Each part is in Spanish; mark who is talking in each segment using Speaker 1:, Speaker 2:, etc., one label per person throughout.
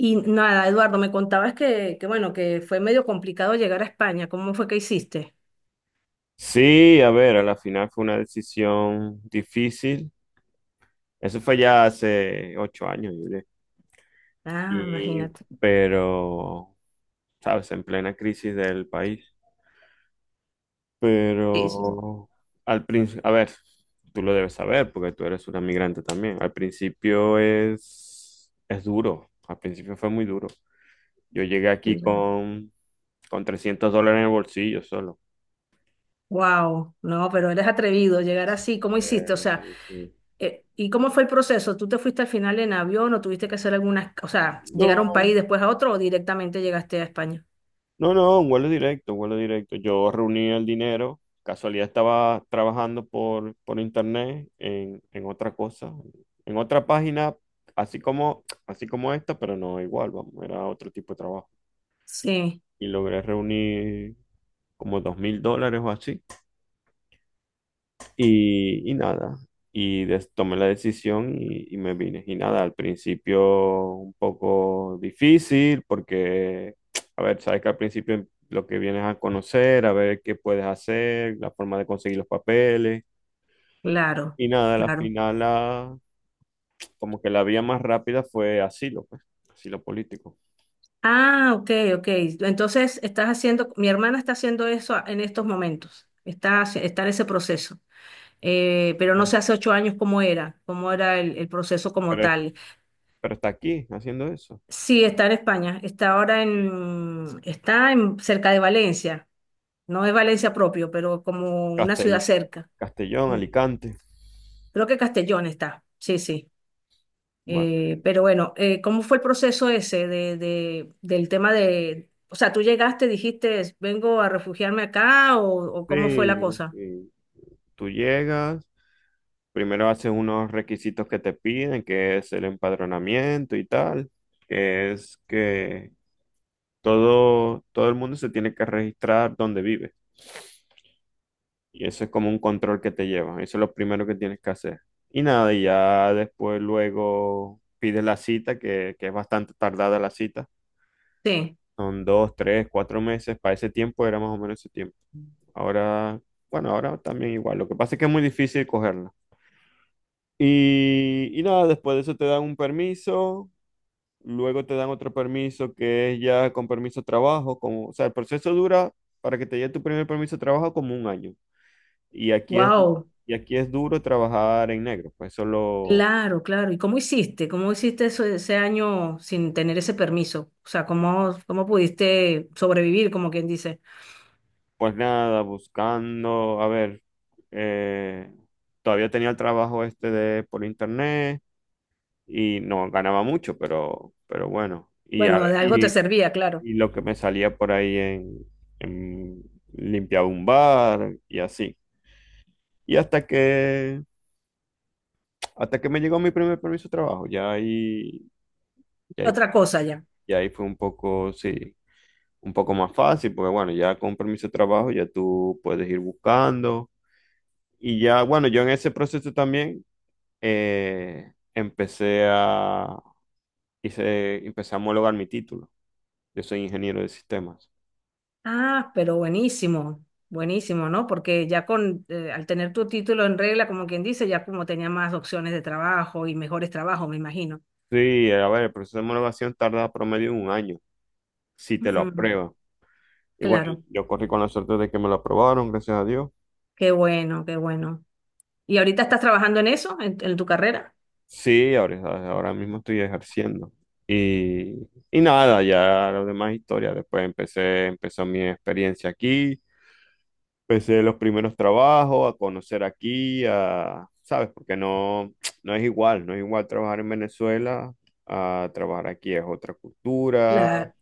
Speaker 1: Y nada, Eduardo, me contabas que bueno, que fue medio complicado llegar a España. ¿Cómo fue que hiciste?
Speaker 2: Sí, a ver, a la final fue una decisión difícil. Eso fue ya hace 8 años, yo diría.
Speaker 1: Ah,
Speaker 2: Y,
Speaker 1: imagínate.
Speaker 2: pero, sabes, en plena crisis del país. Pero, al principio, a ver, tú lo debes saber porque tú eres una migrante también. Al principio es duro. Al principio fue muy duro. Yo llegué aquí con 300 dólares en el bolsillo solo.
Speaker 1: Wow, no, pero eres atrevido llegar así. ¿Cómo hiciste? O sea,
Speaker 2: Sí.
Speaker 1: ¿y cómo fue el proceso? ¿Tú te fuiste al final en avión o tuviste que hacer algunas, o sea, llegar a un país
Speaker 2: No,
Speaker 1: después a otro o directamente llegaste a España?
Speaker 2: no, no, un vuelo directo, un vuelo directo. Yo reuní el dinero, casualidad estaba trabajando por internet en otra cosa, en otra página, así como esta, pero no igual, vamos, era otro tipo de trabajo.
Speaker 1: Sí,
Speaker 2: Y logré reunir como 2.000 dólares o así. Y nada, y tomé la decisión y me vine. Y nada, al principio un poco difícil porque, a ver, sabes que al principio lo que vienes a conocer, a ver qué puedes hacer, la forma de conseguir los papeles.
Speaker 1: claro,
Speaker 2: Y nada, al
Speaker 1: claro.
Speaker 2: final como que la vía más rápida fue asilo, pues, asilo político.
Speaker 1: Ah, ok, ok. Entonces estás haciendo, mi hermana está haciendo eso en estos momentos. Está, está en ese proceso. Pero no sé hace 8 años cómo era, el proceso como
Speaker 2: Pero,
Speaker 1: tal.
Speaker 2: pero está aquí haciendo eso.
Speaker 1: Sí, está en España, está ahora cerca de Valencia, no es Valencia propio, pero como una ciudad
Speaker 2: Castell-
Speaker 1: cerca.
Speaker 2: Castellón,
Speaker 1: Mm.
Speaker 2: Alicante.
Speaker 1: Creo que Castellón está, sí, sí.
Speaker 2: Bueno,
Speaker 1: Pero bueno, ¿cómo fue el proceso ese de, del tema de, o sea, tú llegaste, dijiste, vengo a refugiarme acá o cómo fue la
Speaker 2: sí,
Speaker 1: cosa?
Speaker 2: sí. Tú llegas. Primero haces unos requisitos que te piden, que es el empadronamiento y tal, que es que todo el mundo se tiene que registrar donde vive. Y eso es como un control que te llevan. Eso es lo primero que tienes que hacer. Y nada, y ya después luego pides la cita, que es bastante tardada la cita.
Speaker 1: Sí,
Speaker 2: Son 2, 3, 4 meses. Para ese tiempo era más o menos ese tiempo. Ahora, bueno, ahora también igual. Lo que pasa es que es muy difícil cogerla. Y nada, después de eso te dan un permiso. Luego te dan otro permiso que es ya con permiso de trabajo, como, o sea, el proceso dura para que te llegue tu primer permiso de trabajo como un año. Y aquí es,
Speaker 1: wow.
Speaker 2: y aquí es duro trabajar en negro, pues solo,
Speaker 1: Claro, claro. ¿Y cómo hiciste? ¿Cómo hiciste eso, ese año sin tener ese permiso? O sea, ¿cómo pudiste sobrevivir, como quien dice?
Speaker 2: pues nada, buscando, a ver, eh, todavía tenía el trabajo este de por internet y no ganaba mucho, pero bueno, y, a-
Speaker 1: Bueno, de algo te
Speaker 2: y,
Speaker 1: servía, claro.
Speaker 2: y lo que me salía por ahí en, limpiaba un bar y así. Y hasta que Hasta que me llegó mi primer permiso de trabajo, ya ahí,
Speaker 1: Otra
Speaker 2: fu-
Speaker 1: cosa ya.
Speaker 2: ya ahí fue un poco, sí, un poco más fácil, porque bueno, ya con permiso de trabajo ya tú puedes ir buscando. Y ya, bueno, yo en ese proceso también, eh, empecé a, empecé a homologar mi título. Yo soy ingeniero de sistemas.
Speaker 1: Ah, pero buenísimo, buenísimo, ¿no? Porque ya al tener tu título en regla, como quien dice, ya como tenía más opciones de trabajo y mejores trabajos, me imagino.
Speaker 2: Sí, a ver, el proceso de homologación tarda promedio un año, si te lo
Speaker 1: Ujú,
Speaker 2: aprueban. Y bueno,
Speaker 1: claro,
Speaker 2: yo corrí con la suerte de que me lo aprobaron, gracias a Dios.
Speaker 1: qué bueno, qué bueno. ¿Y ahorita estás trabajando en eso, en tu carrera?
Speaker 2: Sí, ahora mismo estoy ejerciendo. Y nada, ya las demás historias. Después empezó mi experiencia aquí. Empecé los primeros trabajos, a conocer aquí, ¿sabes? Porque no, no es igual, no es igual trabajar en Venezuela a trabajar aquí. Es otra cultura,
Speaker 1: Claro,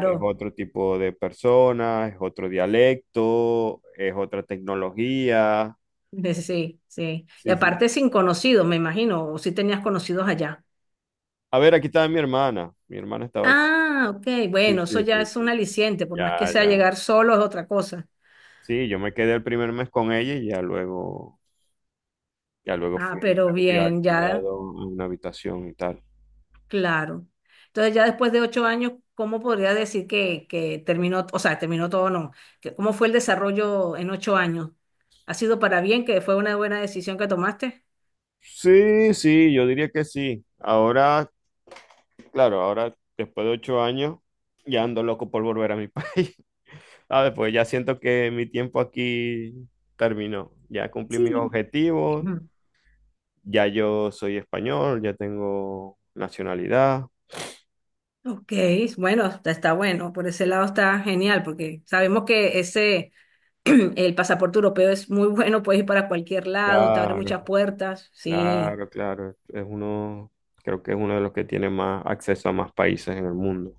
Speaker 2: es otro tipo de personas, es otro dialecto, es otra tecnología.
Speaker 1: Sí, sí. Y
Speaker 2: Sí, sí.
Speaker 1: aparte sin conocidos, me imagino, o si tenías conocidos allá.
Speaker 2: A ver, aquí estaba mi hermana. Mi hermana estaba aquí.
Speaker 1: Ah, ok,
Speaker 2: Sí,
Speaker 1: bueno, eso
Speaker 2: sí,
Speaker 1: ya
Speaker 2: sí,
Speaker 1: es un
Speaker 2: sí.
Speaker 1: aliciente, por más que
Speaker 2: Ya,
Speaker 1: sea
Speaker 2: ya.
Speaker 1: llegar solo es otra cosa.
Speaker 2: Sí, yo me quedé el primer mes con ella y ya luego
Speaker 1: Ah,
Speaker 2: fui, me
Speaker 1: pero
Speaker 2: fui
Speaker 1: bien, ya,
Speaker 2: alquilado a una habitación y tal.
Speaker 1: claro. Entonces ya después de 8 años, ¿cómo podría decir que terminó, o sea, terminó todo o no? ¿Cómo fue el desarrollo en 8 años? ¿Ha sido para bien, que fue una buena decisión que tomaste?
Speaker 2: Sí, sí, yo diría que sí. Ahora, claro, ahora después de 8 años, ya ando loco por volver a mi país. Ah, después ya siento que mi tiempo aquí terminó. Ya cumplí mis
Speaker 1: Sí.
Speaker 2: objetivos,
Speaker 1: Mm.
Speaker 2: ya yo soy español, ya tengo nacionalidad.
Speaker 1: Ok, bueno, está bueno, por ese lado está genial, porque sabemos que ese, el pasaporte europeo es muy bueno, puedes ir para cualquier lado, te abre
Speaker 2: Claro.
Speaker 1: muchas puertas. Sí,
Speaker 2: Claro, claro. Es uno, creo que es uno de los que tiene más acceso a más países en el mundo.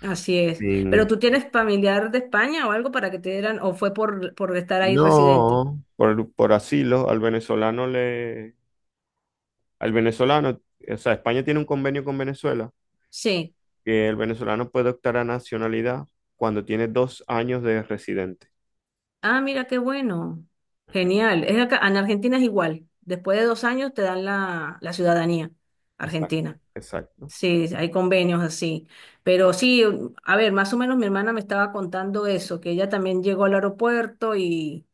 Speaker 1: así es. Pero
Speaker 2: Sin-
Speaker 1: tú tienes familiar de España o algo para que te dieran, o fue por estar ahí residente.
Speaker 2: No, por asilo, al venezolano, o sea, España tiene un convenio con Venezuela,
Speaker 1: Sí.
Speaker 2: que el venezolano puede optar a nacionalidad cuando tiene 2 años de residente.
Speaker 1: Ah, mira qué bueno. Genial. Es acá, en Argentina es igual. Después de 2 años te dan la ciudadanía
Speaker 2: Exacto,
Speaker 1: argentina.
Speaker 2: exacto.
Speaker 1: Sí, hay convenios así. Pero sí, a ver, más o menos mi hermana me estaba contando eso, que ella también llegó al aeropuerto y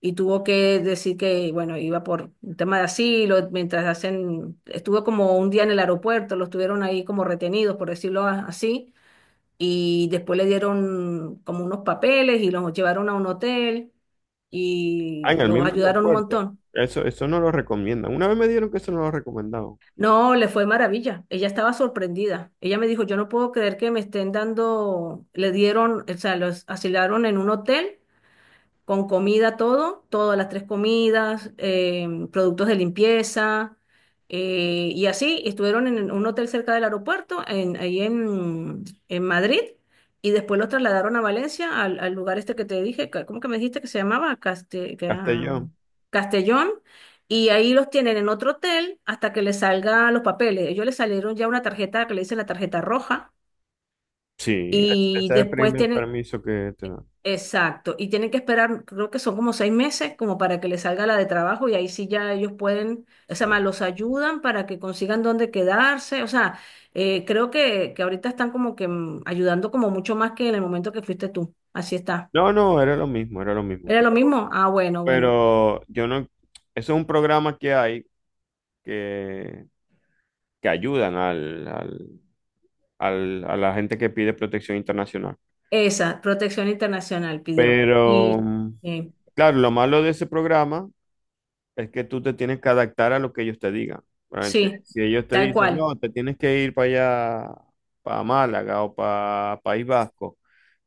Speaker 1: tuvo que decir que, bueno, iba por un tema de asilo, mientras hacen, estuvo como un día en el aeropuerto, los tuvieron ahí como retenidos, por decirlo así, y después le dieron como unos papeles y los llevaron a un hotel
Speaker 2: Ah,
Speaker 1: y
Speaker 2: en el
Speaker 1: los
Speaker 2: mismo
Speaker 1: ayudaron un
Speaker 2: aeropuerto.
Speaker 1: montón.
Speaker 2: Eso no lo recomiendan. Una vez me dieron que eso no lo recomendaban.
Speaker 1: No, le fue maravilla. Ella estaba sorprendida. Ella me dijo, yo no puedo creer que me estén dando, le dieron, o sea, los asilaron en un hotel con comida todo, todas las tres comidas, productos de limpieza, y así estuvieron en un hotel cerca del aeropuerto, ahí en Madrid, y después los trasladaron a Valencia, al lugar este que te dije, ¿cómo que me dijiste que se llamaba?
Speaker 2: Castellón.
Speaker 1: Castellón. Y ahí los tienen en otro hotel hasta que les salgan los papeles. Ellos les salieron ya una tarjeta que le dicen la tarjeta roja.
Speaker 2: Sí, ese es
Speaker 1: Y
Speaker 2: el
Speaker 1: después
Speaker 2: primer
Speaker 1: tienen,
Speaker 2: permiso que te dan.
Speaker 1: exacto, y tienen que esperar, creo que son como 6 meses, como para que les salga la de trabajo y ahí sí ya ellos pueden, o sea,
Speaker 2: Sí.
Speaker 1: más los ayudan para que consigan dónde quedarse, o sea, creo que ahorita están como que ayudando como mucho más que en el momento que fuiste tú, así está.
Speaker 2: No, no, era lo mismo, era lo mismo.
Speaker 1: ¿Era lo mismo? Ah, bueno, bueno.
Speaker 2: Pero yo no, eso es un programa que hay que, que ayudan a la gente que pide protección internacional.
Speaker 1: Esa, protección internacional pidió.
Speaker 2: Pero,
Speaker 1: Y eh,
Speaker 2: claro, lo malo de ese programa es que tú te tienes que adaptar a lo que ellos te digan. Realmente,
Speaker 1: sí,
Speaker 2: si ellos te
Speaker 1: tal
Speaker 2: dicen,
Speaker 1: cual,
Speaker 2: no, te tienes que ir para allá, para Málaga o para País Vasco,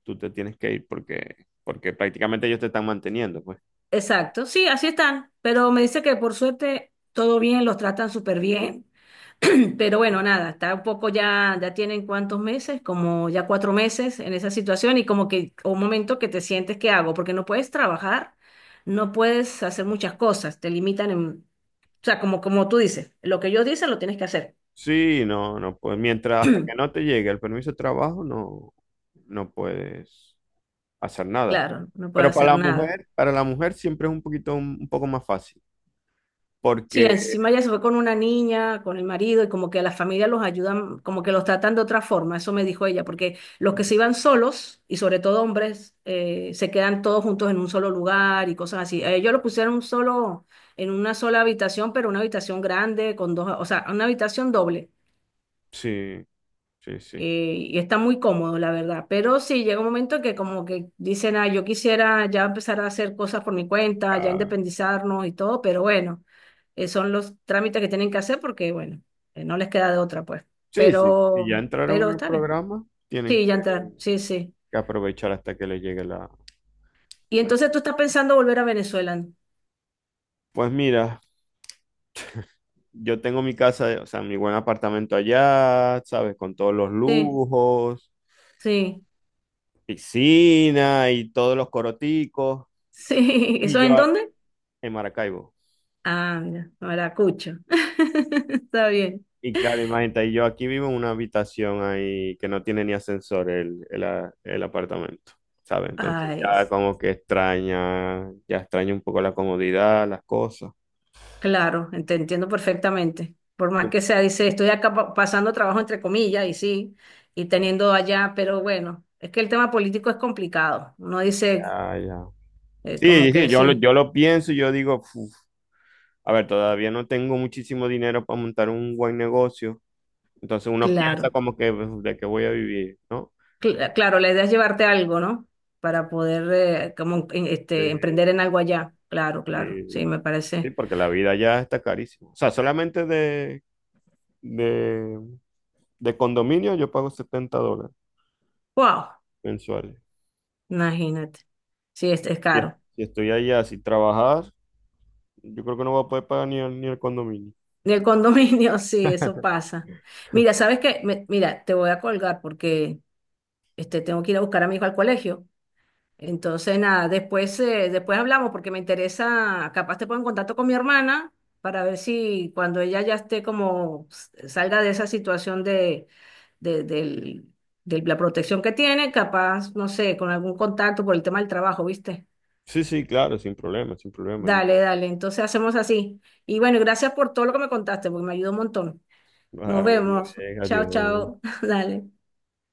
Speaker 2: tú te tienes que ir porque prácticamente ellos te están manteniendo, pues.
Speaker 1: exacto, sí, así están, pero me dice que por suerte todo bien, los tratan súper bien. Pero bueno, nada, está un poco ya, ya tienen cuántos meses, como ya 4 meses en esa situación y como que un momento que te sientes, ¿qué hago? Porque no puedes trabajar, no puedes hacer muchas cosas, te limitan en, o sea, como tú dices, lo que ellos dicen lo tienes que hacer.
Speaker 2: Sí, no, no puedes. Mientras hasta que no te llegue el permiso de trabajo, no, no puedes hacer nada.
Speaker 1: Claro, no puedes
Speaker 2: Pero
Speaker 1: hacer
Speaker 2: para la
Speaker 1: nada.
Speaker 2: mujer, para la mujer siempre es un poco más fácil.
Speaker 1: Sí,
Speaker 2: Porque
Speaker 1: encima ella se fue con una niña, con el marido, y como que la familia los ayudan, como que los tratan de otra forma, eso me dijo ella, porque los que se iban solos, y sobre todo hombres, se quedan todos juntos en un solo lugar y cosas así. A ellos lo pusieron un solo, en una sola habitación, pero una habitación grande, con dos, o sea, una habitación doble
Speaker 2: sí, sí, sí.
Speaker 1: y está muy cómodo, la verdad. Pero sí, llega un momento que como que dicen, ah, yo quisiera ya empezar a hacer cosas por mi cuenta, ya
Speaker 2: Ah,
Speaker 1: independizarnos y todo, pero bueno, son los trámites que tienen que hacer porque, bueno, no les queda de otra, pues.
Speaker 2: sí, sí. Si ya
Speaker 1: Pero,
Speaker 2: entraron
Speaker 1: pero
Speaker 2: en el
Speaker 1: está bien.
Speaker 2: programa, tienen
Speaker 1: Sí,
Speaker 2: que
Speaker 1: ya entrar, sí, sí.
Speaker 2: que aprovechar hasta que les llegue.
Speaker 1: Y
Speaker 2: La-
Speaker 1: entonces tú estás pensando volver a Venezuela, ¿no?
Speaker 2: Pues mira, yo tengo mi casa, o sea, mi buen apartamento allá, ¿sabes? Con todos los
Speaker 1: Sí,
Speaker 2: lujos,
Speaker 1: sí,
Speaker 2: piscina y todos los coroticos.
Speaker 1: sí.
Speaker 2: Y
Speaker 1: ¿Eso
Speaker 2: yo,
Speaker 1: en dónde?
Speaker 2: en Maracaibo.
Speaker 1: Ah, mira, Maracucho. Está bien.
Speaker 2: Y claro, imagínate, yo aquí vivo en una habitación ahí que no tiene ni ascensor el apartamento, ¿sabes? Entonces
Speaker 1: Ay.
Speaker 2: ya como que extraña, ya extraña un poco la comodidad, las cosas.
Speaker 1: Claro, te entiendo perfectamente. Por más que sea, dice, estoy acá pasando trabajo entre comillas y sí, y teniendo allá, pero bueno, es que el tema político es complicado. Uno dice,
Speaker 2: Ya, ya. Sí,
Speaker 1: como
Speaker 2: sí, sí,
Speaker 1: que
Speaker 2: yo lo,
Speaker 1: sí,
Speaker 2: yo lo pienso y yo digo, "Uf, a ver, todavía no tengo muchísimo dinero para montar un buen negocio. Entonces uno piensa
Speaker 1: claro.
Speaker 2: como que "Uf, de qué voy a vivir, ¿no?
Speaker 1: Claro, la idea es llevarte algo, ¿no? Para poder como este, emprender
Speaker 2: Sí,
Speaker 1: en algo allá. Claro, claro,
Speaker 2: sí,
Speaker 1: sí, me
Speaker 2: sí,
Speaker 1: parece.
Speaker 2: porque la vida ya está carísima. O sea, solamente de, de, De, condominio yo pago 70 dólares
Speaker 1: Wow,
Speaker 2: mensuales.
Speaker 1: imagínate. Sí, este es
Speaker 2: Si
Speaker 1: caro.
Speaker 2: si estoy allá sin trabajar, yo creo que no voy a poder pagar ni el, condominio.
Speaker 1: Y el condominio, sí, eso pasa. Mira, ¿sabes qué? Mira, te voy a colgar porque... Este, tengo que ir a buscar a mi hijo al colegio. Entonces, nada, después, después hablamos porque me interesa, capaz te pongo en contacto con mi hermana para ver si cuando ella ya esté como salga de esa situación de, de, del- de la protección que tiene, capaz, no sé, con algún contacto por el tema del trabajo, ¿viste?
Speaker 2: Sí, sí, claro, sin problema, sin problema. Yo,
Speaker 1: Dale, dale, entonces hacemos así. Y bueno, gracias por todo lo que me contaste, porque me ayudó un montón. Nos
Speaker 2: vale,
Speaker 1: vemos.
Speaker 2: bien,
Speaker 1: Chao,
Speaker 2: adiós.
Speaker 1: chao. Dale.